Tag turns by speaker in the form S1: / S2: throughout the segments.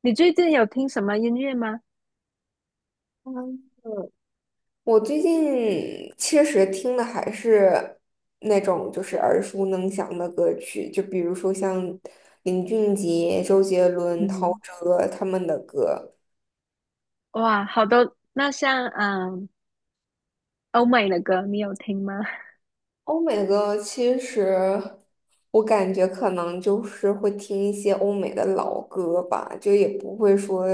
S1: 你最近有听什么音乐吗？
S2: 嗯，我最近其实听的还是那种就是耳熟能详的歌曲，就比如说像林俊杰、周杰伦、陶
S1: 嗯，
S2: 喆他们的歌。
S1: 哇，好多，那像欧美的歌你有听吗？
S2: 欧美的歌其实我感觉可能就是会听一些欧美的老歌吧，就也不会说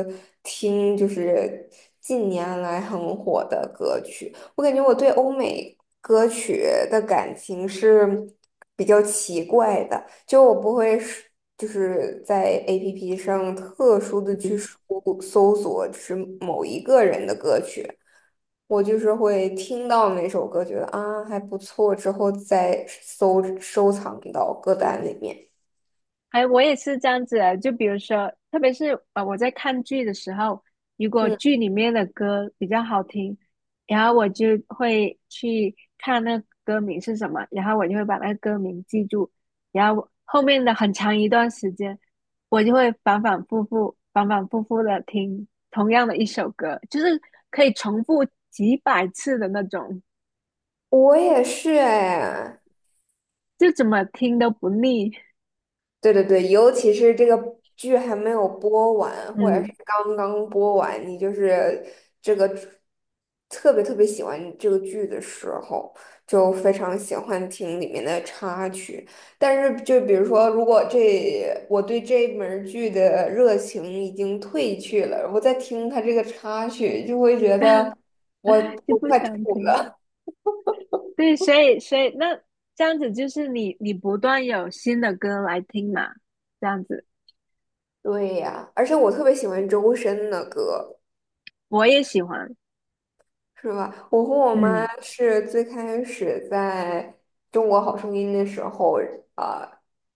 S2: 听就是近年来很火的歌曲。我感觉我对欧美歌曲的感情是比较奇怪的，就我不会是就是在 APP 上特殊的去 搜索，就是某一个人的歌曲，我就是会听到哪首歌，觉得啊还不错，之后再搜收藏到歌单里面。
S1: 哎，我也是这样子的，就比如说，特别是我在看剧的时候，如果
S2: 嗯，
S1: 剧里面的歌比较好听，然后我就会去看那个歌名是什么，然后我就会把那个歌名记住，然后后面的很长一段时间，我就会反反复复、反反复复的听同样的一首歌，就是可以重复几百次的那种，
S2: 我也是哎，
S1: 就怎么听都不腻，
S2: 对对对，尤其是这个剧还没有播完，或者
S1: 嗯，
S2: 是刚刚播完，你就是这个特别特别喜欢这个剧的时候，就非常喜欢听里面的插曲。但是，就比如说，如果这我对这门儿剧的热情已经褪去了，我再听它这个插曲，就会觉得我
S1: 就
S2: 我
S1: 不
S2: 快
S1: 想
S2: 吐
S1: 听了。
S2: 了。
S1: 对，所以那这样子就是你不断有新的歌来听嘛，这样子
S2: 对呀，而且我特别喜欢周深的歌。
S1: 我也喜欢，
S2: 是吧？我和我妈
S1: 嗯
S2: 是最开始在《中国好声音》的时候，呃，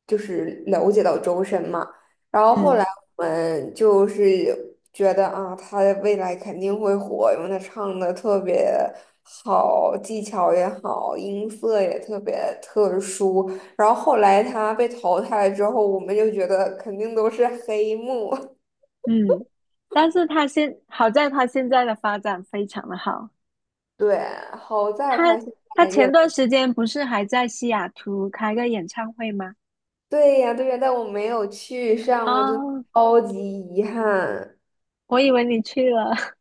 S2: 就是了解到周深嘛，然后后
S1: 嗯
S2: 来我们就是觉得啊，他未来肯定会火，因为他唱的特别好，技巧也好，音色也特别特殊。然后后来他被淘汰之后，我们就觉得肯定都是黑幕。
S1: 嗯，但是好在他现在的发展非常的好，
S2: 对，好在他
S1: 他
S2: 现
S1: 他
S2: 在越
S1: 前段时间不是还在西雅图开个演唱会吗？
S2: 对呀，对呀，但我没有去上，我真的
S1: 啊，
S2: 超级遗憾。
S1: 我以为你去了，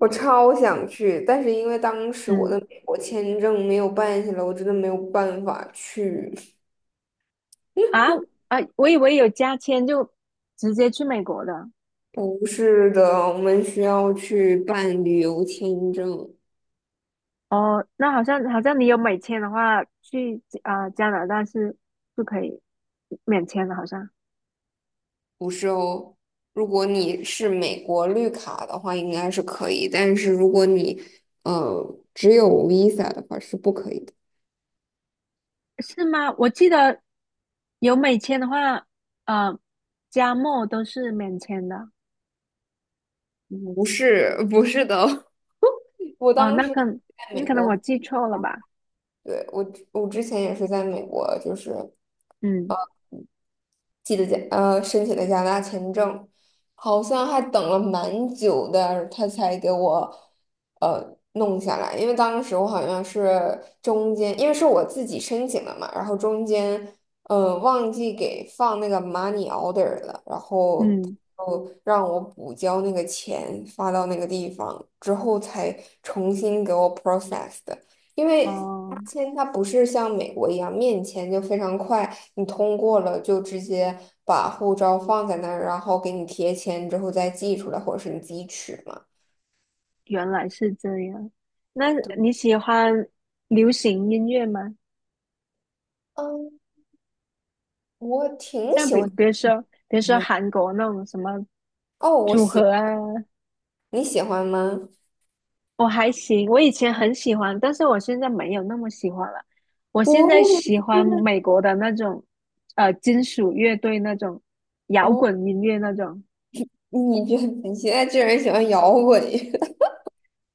S2: 我超想去，但是因为当 时我
S1: 嗯
S2: 的美国签证没有办下来，我真的没有办法去。
S1: 啊啊，我以为有加签就直接去美国的，
S2: 不是的，我们需要去办旅游签证，
S1: 哦，那好像你有美签的话，去加拿大是不可以免签的，好像
S2: 不是哦。如果你是美国绿卡的话，应该是可以，但是如果你只有 Visa 的话是不可以的。
S1: 是吗？我记得有美签的话，呃，加墨都是免签的。
S2: 不是，不是的哦 我
S1: 哦，
S2: 当
S1: 那
S2: 时。
S1: 可
S2: 在
S1: 你
S2: 美
S1: 可能我
S2: 国。
S1: 记错了吧？
S2: 对，我之前也是在美国，就是
S1: 嗯
S2: 记得申请的加拿大签证，好像还等了蛮久的，他才给我弄下来。因为当时我好像是中间，因为是我自己申请的嘛，然后中间忘记给放那个 money order 了，然后
S1: 嗯，
S2: 他就让我补交那个钱发到那个地方之后才重新给我 process 的，因为。八
S1: 哦，
S2: 签它不是像美国一样面签就非常快，你通过了就直接把护照放在那儿，然后给你贴签之后再寄出来，或者是你自己取嘛。
S1: 原来是这样。那你喜欢流行音乐吗？
S2: 嗯，我挺
S1: 像
S2: 喜
S1: 比
S2: 欢音
S1: 比如说，比如说
S2: 乐的。
S1: 韩国那种什么
S2: 哦，我
S1: 组
S2: 喜，
S1: 合啊，
S2: 你喜欢吗？
S1: 我还行，我以前很喜欢，但是我现在没有那么喜欢了。我现在
S2: 我也
S1: 喜
S2: 是。
S1: 欢美国的那种，金属乐队那种，摇
S2: 哦，
S1: 滚音乐那种。
S2: 你觉得你现在居然喜欢摇滚乐？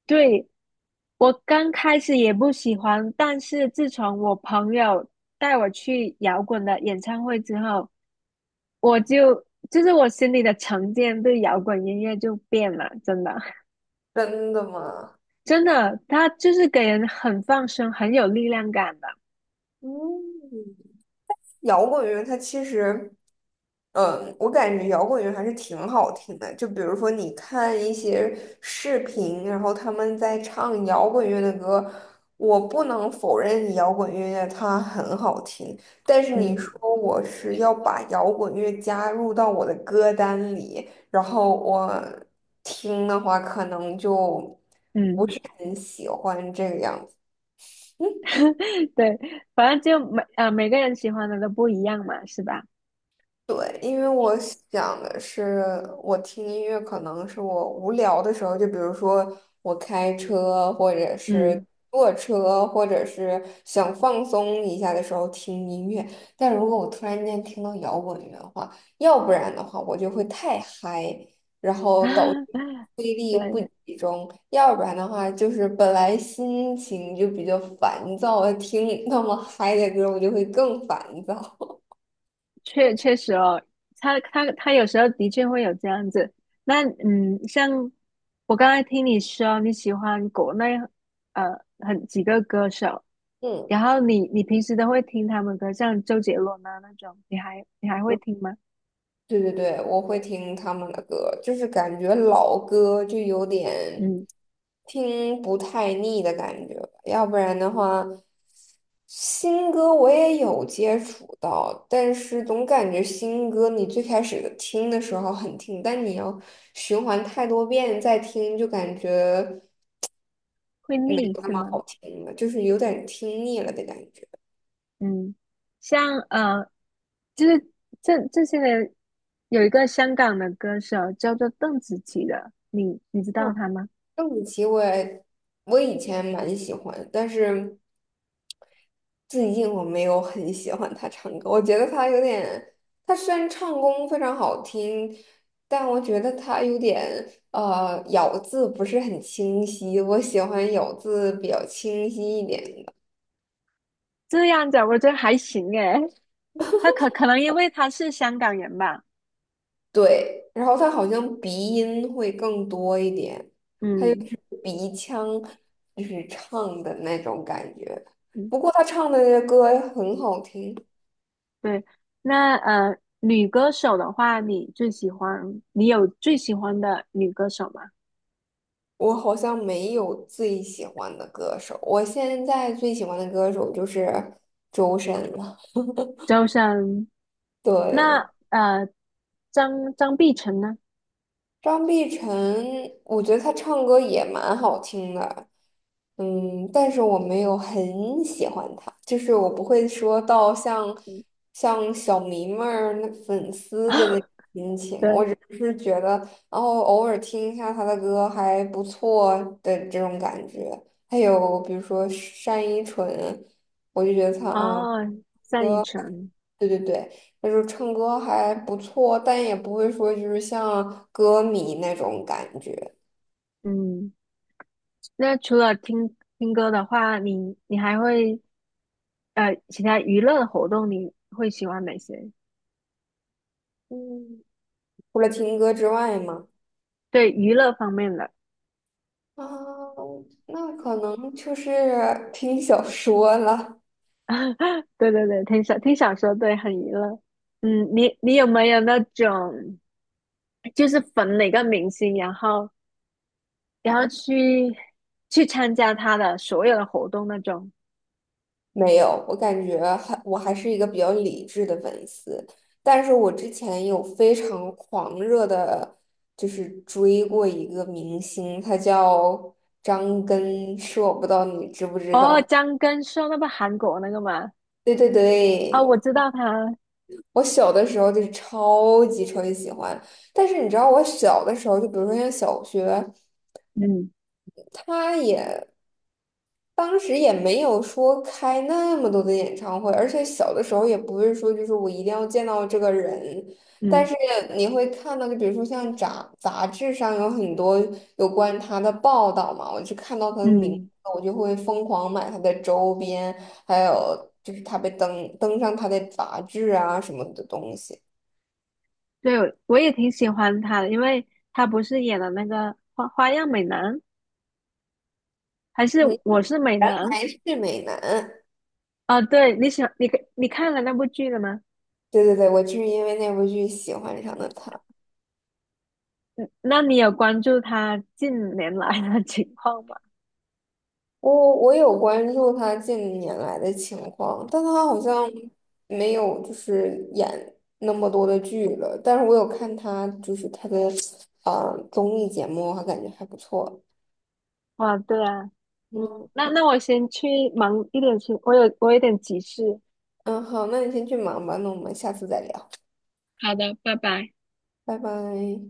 S1: 对，我刚开始也不喜欢，但是自从我朋友带我去摇滚的演唱会之后，我就就是我心里的成见对摇滚音乐就变了，真的，
S2: 真的吗？
S1: 真的，它就是给人很放松、很有力量感的。
S2: 嗯。摇滚乐它其实，嗯，我感觉摇滚乐还是挺好听的。就比如说你看一些视频，然后他们在唱摇滚乐的歌，我不能否认摇滚乐它很好听，但是你
S1: 嗯
S2: 说我是要把摇滚乐加入到我的歌单里，然后我听的话，可能就
S1: 嗯。
S2: 很喜欢这个样子。
S1: 对，反正就每个人喜欢的都不一样嘛，是吧？
S2: 对，因为我想的是，我听音乐可能是我无聊的时候，就比如说我开车，或者是
S1: 嗯，
S2: 坐车，或者是想放松一下的时候听音乐。但如果我突然间听到摇滚乐的话，要不然的话我就会太嗨，然后导致 注意力不
S1: 对，
S2: 集中；要不然的话，就是本来心情就比较烦躁，听那么嗨的歌，我就会更烦躁。
S1: 确实哦，他有时候的确会有这样子。那嗯，像我刚才听你说你喜欢国内几个歌手，
S2: 嗯。
S1: 然后你平时都会听他们歌，像周杰伦啊那种，你还会听吗？
S2: 对对对，我会听他们的歌，就是感觉老歌就有点
S1: 嗯，
S2: 听不太腻的感觉，要不然的话，新歌我也有接触到，但是总感觉新歌你最开始听的时候很听，但你要循环太多遍再听，就感觉
S1: 会
S2: 没
S1: 腻
S2: 有那
S1: 是
S2: 么
S1: 吗？
S2: 好听了，就是有点听腻了的感觉。
S1: 嗯，像呃就是这些年有一个香港的歌手叫做邓紫棋的，你知道
S2: 嗯，
S1: 她吗？
S2: 邓紫棋我也我以前蛮喜欢，但是最近我没有很喜欢他唱歌，我觉得他有点，他虽然唱功非常好听，但我觉得他有点咬字不是很清晰，我喜欢咬字比较清晰一点的。
S1: 这样子啊我觉得还行诶，她可能因为她是香港人吧，
S2: 对，然后他好像鼻音会更多一点，
S1: 嗯
S2: 鼻腔就是唱的那种感觉。
S1: 嗯，
S2: 不过他唱的那些歌很好听。
S1: 对。那女歌手的话，你有最喜欢的女歌手吗？
S2: 我好像没有最喜欢的歌手，我现在最喜欢的歌手就是周深了。
S1: 周深，那
S2: 对，
S1: 张碧晨呢？
S2: 张碧晨，我觉得她唱歌也蛮好听的，嗯，但是我没有很喜欢她，就是我不会说到像像小迷妹儿那粉丝的那 种心情，我
S1: 对，
S2: 只是觉得，然后偶尔听一下她的歌还不错的这种感觉。还有比如说单依纯，我就觉得她啊，
S1: 哦，单依纯，
S2: 对对对。就是唱歌还不错，但也不会说就是像歌迷那种感觉。
S1: 嗯。那除了听歌的话，你还会其他娱乐活动，你会喜欢哪些？
S2: 嗯，除了听歌之外嘛，
S1: 对娱乐方面的，
S2: 啊，那可能就是听小说了。
S1: 对对对，听小说，对，很娱乐。嗯，你有没有那种就是粉哪个明星，然后然后去参加他的所有的活动那种？
S2: 没有，我感觉还我还是一个比较理智的粉丝，但是我之前有非常狂热的，就是追过一个明星，他叫张根硕，不知道你知不知
S1: 哦，
S2: 道？
S1: 张根硕那不韩国那个吗？
S2: 对对
S1: 哦，
S2: 对，
S1: 我知道他，
S2: 我小的时候就是超级超级喜欢。但是你知道，我小的时候，就比如说像小学，
S1: 嗯
S2: 他也当时也没有说开那么多的演唱会，而且小的时候也不是说就是我一定要见到这个人，但
S1: 嗯
S2: 是你会看到，就比如说像杂志上有很多有关他的报道嘛，我就看到他的名字，
S1: 嗯，
S2: 我就会疯狂买他的周边，还有就是他被登上他的杂志啊什么的东西。
S1: 对，我也挺喜欢他的，因为他不是演了那个花样美男，还是
S2: 嗯，
S1: 我是美
S2: 原
S1: 男
S2: 来是美男，
S1: 啊？对，你喜欢你你看了那部剧了吗？
S2: 对对对，我就是因为那部剧喜欢上了他。
S1: 那你有关注他近年来的 情况吗？
S2: 我有关注他近年来的情况，但他好像没有就是演那么多的剧了。但是我有看他就是他的综艺节目，我还感觉还不错。
S1: 哇，对啊，嗯，
S2: 嗯
S1: 那我先去忙一点事，我有点急事。
S2: 嗯，好，那你先去忙吧，那我们下次再聊，
S1: 好的，拜拜。
S2: 拜拜。